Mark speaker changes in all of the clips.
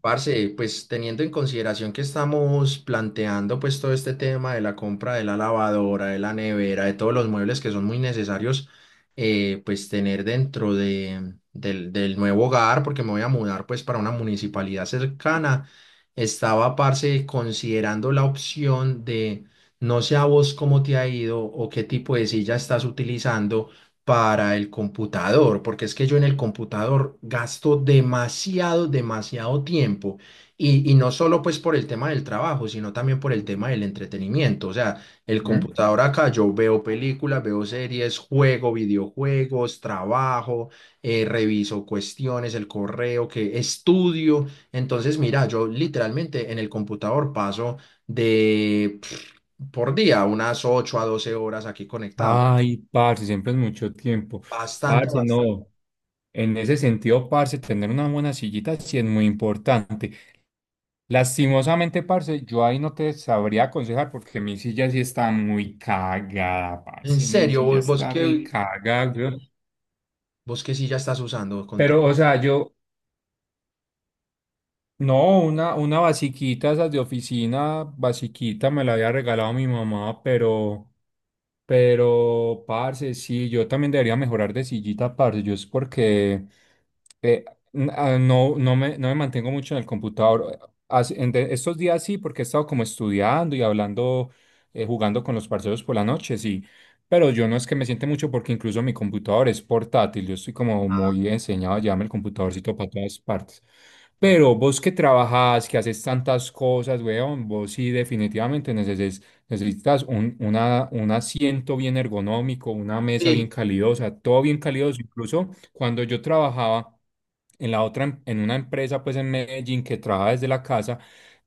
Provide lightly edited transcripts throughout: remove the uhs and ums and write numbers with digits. Speaker 1: Parce, pues teniendo en consideración que estamos planteando pues todo este tema de la compra de la lavadora, de la nevera, de todos los muebles que son muy necesarios pues tener dentro del nuevo hogar, porque me voy a mudar pues para una municipalidad cercana, estaba parce considerando la opción de no sé a vos cómo te ha ido o qué tipo de silla estás utilizando para el computador, porque es que yo en el computador gasto demasiado, demasiado tiempo. Y no solo pues por el tema del trabajo, sino también por el tema del entretenimiento. O sea, el
Speaker 2: Ujú.
Speaker 1: computador acá yo veo películas, veo series, juego videojuegos, trabajo, reviso cuestiones, el correo, que estudio. Entonces, mira, yo literalmente en el computador paso de pff, por día unas 8 a 12 horas aquí conectado.
Speaker 2: Ay, parce, siempre es mucho tiempo.
Speaker 1: Bastante,
Speaker 2: Parce,
Speaker 1: bastante.
Speaker 2: no. En ese sentido, parce, tener una buena sillita sí es muy importante. Lastimosamente, parce, yo ahí no te sabría aconsejar porque mi silla sí está muy cagada,
Speaker 1: En
Speaker 2: parce. Mi
Speaker 1: serio,
Speaker 2: silla
Speaker 1: vos, vos
Speaker 2: está
Speaker 1: que
Speaker 2: recagada, weón.
Speaker 1: vos que sí ya estás usando
Speaker 2: Pero, o sea, yo, no, una basiquita, esas de oficina, basiquita, me la había regalado mi mamá, pero. Pero, parce, sí, yo también debería mejorar de sillita, parce. Yo es porque eh, no, no me mantengo mucho en el computador. Estos días sí, porque he estado como estudiando y hablando, jugando con los parceros por la noche, sí. Pero yo no es que me siente mucho porque incluso mi computador es portátil. Yo estoy como muy enseñado a llevarme el computadorcito para todas partes. Pero vos que trabajás, que haces tantas cosas, weón, vos sí definitivamente necesitas un, un asiento bien ergonómico, una mesa bien
Speaker 1: sí,
Speaker 2: calidosa, todo bien calidoso. Incluso cuando yo trabajaba en la otra, en una empresa pues en Medellín que trabajaba desde la casa,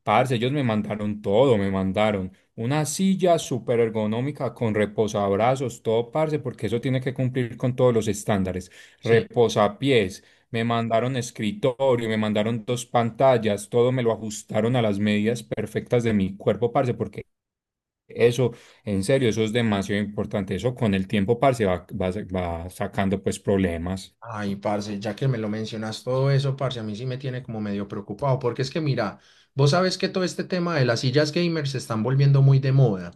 Speaker 2: parce, ellos me mandaron todo, me mandaron una silla súper ergonómica con reposabrazos, todo parce, porque eso tiene que cumplir con todos los estándares.
Speaker 1: sí.
Speaker 2: Reposapiés, me mandaron escritorio, me mandaron dos pantallas, todo me lo ajustaron a las medidas perfectas de mi cuerpo, parce, porque eso, en serio, eso es demasiado importante. Eso con el tiempo, parce, va sacando pues problemas.
Speaker 1: Ay, parce, ya que me lo mencionas todo eso, parce, a mí sí me tiene como medio preocupado, porque es que mira, vos sabes que todo este tema de las sillas gamers se están volviendo muy de moda.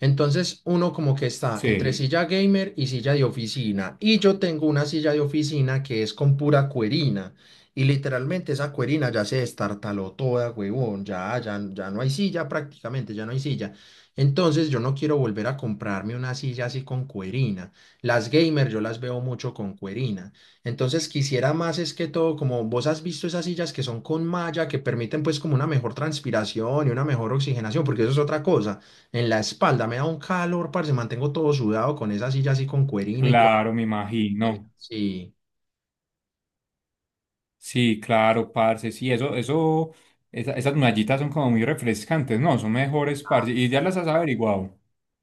Speaker 1: Entonces uno como que está
Speaker 2: Sí,
Speaker 1: entre, sí, silla gamer y silla de oficina. Y yo tengo una silla de oficina que es con pura cuerina. Y literalmente esa cuerina ya se destartaló toda, huevón. Ya, ya, ya no hay silla prácticamente, ya no hay silla. Entonces yo no quiero volver a comprarme una silla así con cuerina. Las gamer yo las veo mucho con cuerina. Entonces quisiera más es que todo, como vos has visto esas sillas que son con malla, que permiten pues como una mejor transpiración y una mejor oxigenación, porque eso es otra cosa. En la espalda me da un calor, parce, mantengo todo sudado con esa silla así con cuerina y, sí, con
Speaker 2: claro, me imagino.
Speaker 1: sí.
Speaker 2: Sí, claro, parce. Sí, eso, esas mallitas son como muy refrescantes, ¿no? Son mejores, parce. Y ya las has averiguado.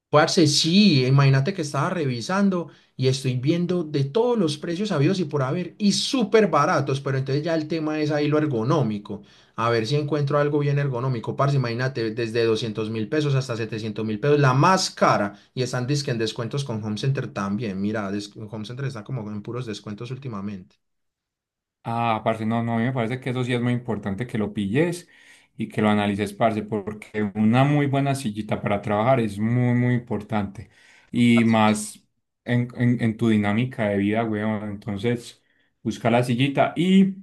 Speaker 1: Parce, sí, imagínate que estaba revisando y estoy viendo de todos los precios habidos y por haber y súper baratos, pero entonces ya el tema es ahí lo ergonómico. A ver si encuentro algo bien ergonómico, parce, imagínate, desde 200.000 pesos hasta 700.000 pesos, la más cara. Y están dizque en descuentos con Home Center también. Mira, Home Center está como en puros descuentos últimamente.
Speaker 2: Ah, parce, no, no, a mí me parece que eso sí es muy importante que lo pilles y que lo analices, parce, porque una muy buena sillita para trabajar es muy, muy importante. Y más en tu dinámica de vida, weón. Entonces, busca la sillita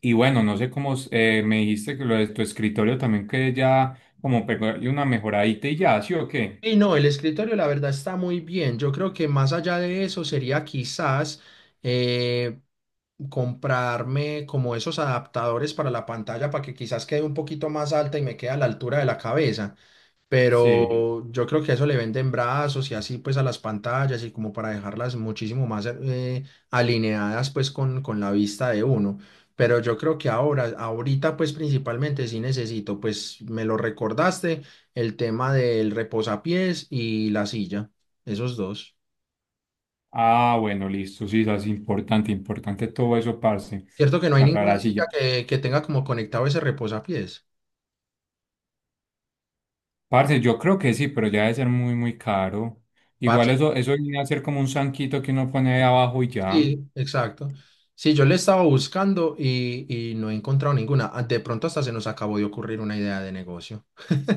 Speaker 2: y bueno, no sé cómo me dijiste que lo de tu escritorio también que ya como pegarle una mejoradita y ya, ¿sí o qué?
Speaker 1: Y no, el escritorio la verdad está muy bien. Yo creo que más allá de eso sería quizás eh, comprarme como esos adaptadores para la pantalla para que quizás quede un poquito más alta y me quede a la altura de la cabeza. Sí.
Speaker 2: Sí.
Speaker 1: Pero yo creo que eso le venden brazos y así pues a las pantallas y como para dejarlas muchísimo más alineadas pues con la vista de uno. Pero yo creo que ahorita pues principalmente sí necesito, pues me lo recordaste el tema del reposapiés y la silla, esos dos.
Speaker 2: Ah, bueno, listo, sí, eso es importante, importante todo eso, parce,
Speaker 1: Cierto que no hay
Speaker 2: para la
Speaker 1: ninguna silla
Speaker 2: silla.
Speaker 1: que tenga como conectado ese reposapiés.
Speaker 2: Parce, yo creo que sí, pero ya debe ser muy, muy caro.
Speaker 1: Parce.
Speaker 2: Igual eso, eso viene a ser como un zanquito que uno pone ahí abajo y ya.
Speaker 1: Sí, exacto. Sí, yo le estaba buscando y no he encontrado ninguna. Ah, de pronto hasta se nos acabó de ocurrir una idea de negocio.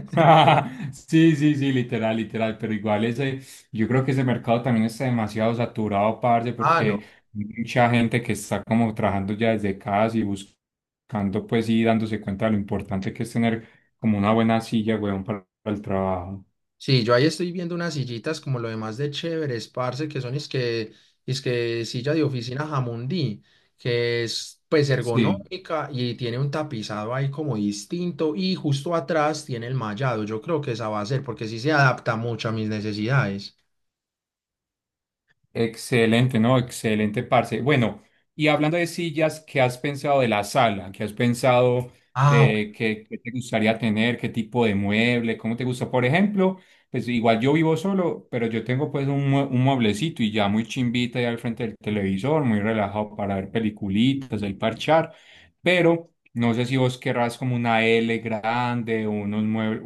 Speaker 2: Sí, sí, sí, literal, literal. Pero igual ese, yo creo que ese mercado también está demasiado saturado, parce,
Speaker 1: Ah,
Speaker 2: porque
Speaker 1: no.
Speaker 2: mucha gente que está como trabajando ya desde casa y buscando, pues, y dándose cuenta de lo importante que es tener como una buena silla, weón, para el trabajo.
Speaker 1: Sí, yo ahí estoy viendo unas sillitas como lo demás de chéveres, parce, que es que silla de oficina Jamundí, que es pues
Speaker 2: Sí.
Speaker 1: ergonómica y tiene un tapizado ahí como distinto y justo atrás tiene el mallado. Yo creo que esa va a ser porque sí se adapta mucho a mis necesidades.
Speaker 2: Excelente, ¿no? Excelente, parce. Bueno, y hablando de sillas, ¿qué has pensado de la sala? ¿Qué has pensado
Speaker 1: Ah, bueno.
Speaker 2: de qué, qué te gustaría tener? ¿Qué tipo de mueble? ¿Cómo te gusta? Por ejemplo, pues igual yo vivo solo, pero yo tengo pues un, un mueblecito y ya muy chimbita ahí al frente del televisor, muy relajado para ver peliculitas, ahí parchar, pero no sé si vos querrás como una L grande, unos muebles,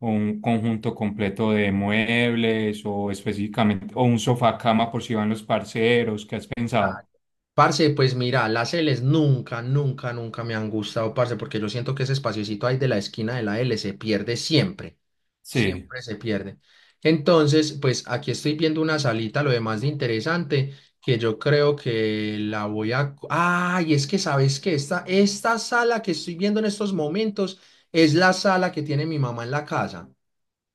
Speaker 2: o un conjunto completo de muebles o específicamente, o un sofá cama por si van los parceros, ¿qué has pensado?
Speaker 1: Está. Parce, pues mira, las L's nunca, nunca, nunca me han gustado, parce, porque yo siento que ese espaciocito ahí de la esquina de la L se pierde siempre,
Speaker 2: Sí.
Speaker 1: siempre se pierde. Entonces, pues aquí estoy viendo una salita, lo demás de interesante, que yo creo que la voy a. Ah, y es que sabes que esta sala que estoy viendo en estos momentos es la sala que tiene mi mamá en la casa.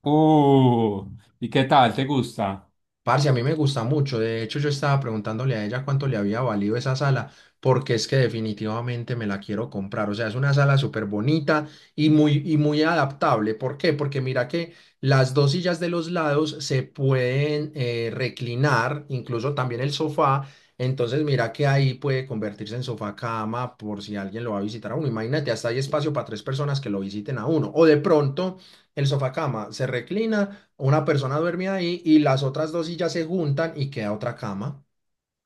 Speaker 2: Uh, ¿Y qué tal? ¿Te gusta?
Speaker 1: Parce, a mí me gusta mucho. De hecho, yo estaba preguntándole a ella cuánto le había valido esa sala, porque es que definitivamente me la quiero comprar. O sea, es una sala súper bonita y muy adaptable. ¿Por qué? Porque mira que las dos sillas de los lados se pueden reclinar, incluso también el sofá. Entonces, mira que ahí puede convertirse en sofá cama por si alguien lo va a visitar a uno. Imagínate, hasta hay espacio para tres personas que lo visiten a uno. O de pronto, el sofá cama se reclina, una persona duerme ahí y las otras dos sillas se juntan y queda otra cama.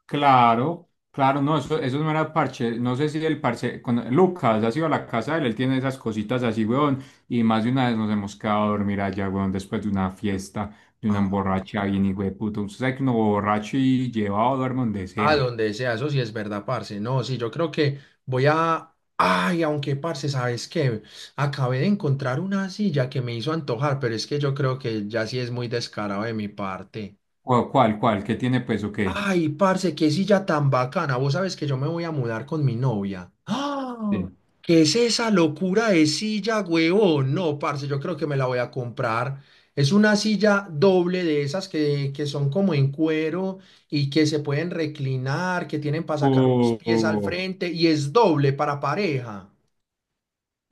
Speaker 2: Claro, claro, no, eso no era parche, no sé si el parche, con, Lucas, ha sido a la casa de él, él tiene esas cositas así, weón, y más de una vez nos hemos quedado a dormir allá, weón, después de una fiesta, de una
Speaker 1: Ah,
Speaker 2: borracha bien, hijo de puto, usted sabe que uno borracho y llevado duerme donde
Speaker 1: ah,
Speaker 2: sea.
Speaker 1: donde sea, eso sí es verdad, parce. No, sí, yo creo que voy a. Ay, aunque, parce, ¿sabes qué? Acabé de encontrar una silla que me hizo antojar, pero es que yo creo que ya sí es muy descarado de mi parte.
Speaker 2: ¿Cuál, cuál, cuál? ¿Qué tiene pues o qué?
Speaker 1: Ay, parce, qué silla tan bacana. Vos sabes que yo me voy a mudar con mi novia. ¡Ah!
Speaker 2: Sí.
Speaker 1: ¿Qué es esa locura de silla, huevón? No, parce, yo creo que me la voy a comprar. Es una silla doble de esas que son como en cuero y que se pueden reclinar, que tienen para sacar los pies al
Speaker 2: Uh,
Speaker 1: frente y es doble para pareja.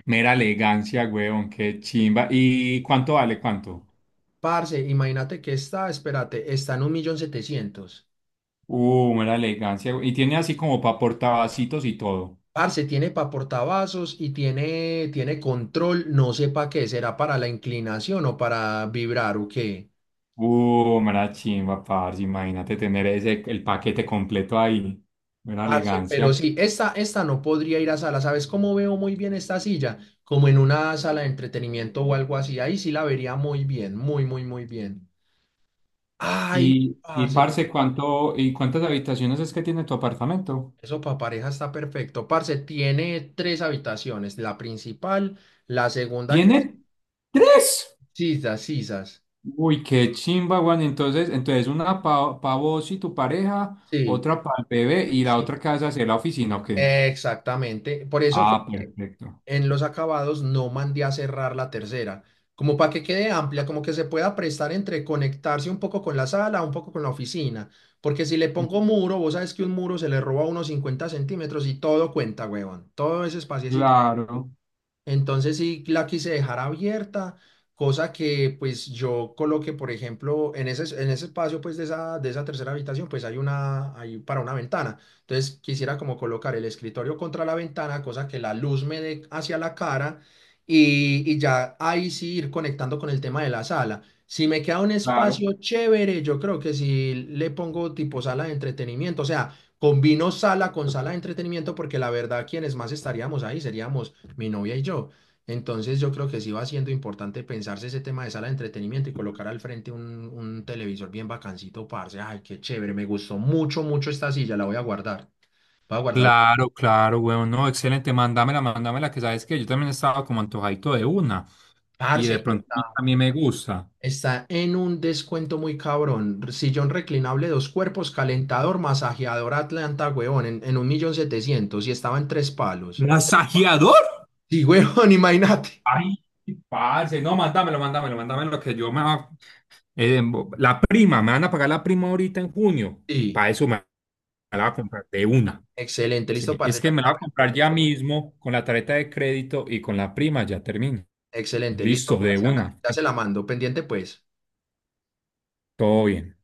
Speaker 2: mera elegancia, weón, qué chimba. ¿Y cuánto vale? ¿Cuánto?
Speaker 1: Parce, imagínate que espérate, está en 1.700.000.
Speaker 2: Mera elegancia. We- Y tiene así como para portavacitos y todo.
Speaker 1: Parce, tiene para portavasos y tiene, control, no sé para qué, será para la inclinación o para vibrar o qué.
Speaker 2: Mera chimba, parce. Imagínate tener ese, el paquete completo ahí. Mera
Speaker 1: Parce,
Speaker 2: elegancia.
Speaker 1: pero sí, esta no podría ir a sala. ¿Sabes cómo veo muy bien esta silla? Como en una sala de entretenimiento o algo así. Ahí sí la vería muy bien, muy, muy, muy bien. Ay,
Speaker 2: Y
Speaker 1: parce, pero
Speaker 2: parce, ¿cuánto, y cuántas habitaciones es que tiene tu apartamento?
Speaker 1: eso para pareja está perfecto. Parce, tiene tres habitaciones, la principal, la segunda que es
Speaker 2: ¿Tiene tres?
Speaker 1: sisas, sisas.
Speaker 2: Uy, qué chimba, weón. Entonces, entonces una para vos y tu pareja,
Speaker 1: Sí,
Speaker 2: otra para el bebé y la
Speaker 1: sí.
Speaker 2: otra casa hacer la oficina, ¿ok?
Speaker 1: Exactamente. Por eso
Speaker 2: Ah, perfecto.
Speaker 1: en los acabados no mandé a cerrar la tercera, como para que quede amplia, como que se pueda prestar entre conectarse un poco con la sala, un poco con la oficina, porque si le pongo muro, vos sabes que un muro se le roba unos 50 centímetros y todo cuenta, huevón, todo ese espacio,
Speaker 2: Claro,
Speaker 1: entonces sí la quise dejar abierta, cosa que pues yo coloqué, por ejemplo, en ese espacio pues de esa tercera habitación pues hay para una ventana. Entonces quisiera como colocar el escritorio contra la ventana, cosa que la luz me dé hacia la cara y ya ahí sí ir conectando con el tema de la sala. Si me queda un
Speaker 2: claro.
Speaker 1: espacio chévere, yo creo que si le pongo tipo sala de entretenimiento, o sea, combino sala con sala de entretenimiento porque la verdad quienes más estaríamos ahí seríamos mi novia y yo. Entonces yo creo que sí va siendo importante pensarse ese tema de sala de entretenimiento y colocar al frente un televisor bien bacancito, parce. Ay, qué chévere, me gustó mucho, mucho esta silla, la voy a guardar. Voy a guardarla.
Speaker 2: Claro, claro, weón, no, excelente, mándamela, mándamela, que sabes que yo también estaba como antojadito de una, y
Speaker 1: Parce, y
Speaker 2: de pronto
Speaker 1: está,
Speaker 2: a mí me gusta.
Speaker 1: está en un descuento muy cabrón. Sillón reclinable, dos cuerpos, calentador, masajeador Atlanta, huevón, en 1.700.000 y estaba en tres palos.
Speaker 2: ¿Masajeador?
Speaker 1: Sí, huevón, imagínate.
Speaker 2: Ay, sí, parce, no, mándamelo, mándamelo, mándamelo, que yo me va, eh, la prima, me van a pagar la prima ahorita en junio, y
Speaker 1: Sí,
Speaker 2: para eso me, me la va a comprar de una.
Speaker 1: excelente, listo,
Speaker 2: Sí, es
Speaker 1: parce,
Speaker 2: que
Speaker 1: ya te
Speaker 2: me la
Speaker 1: la
Speaker 2: va a comprar ya mismo, con la tarjeta de crédito y con la prima, ya termino.
Speaker 1: Excelente,
Speaker 2: Listo,
Speaker 1: listo,
Speaker 2: de
Speaker 1: parce, hágale,
Speaker 2: una,
Speaker 1: ya se la mando, pendiente pues.
Speaker 2: todo bien.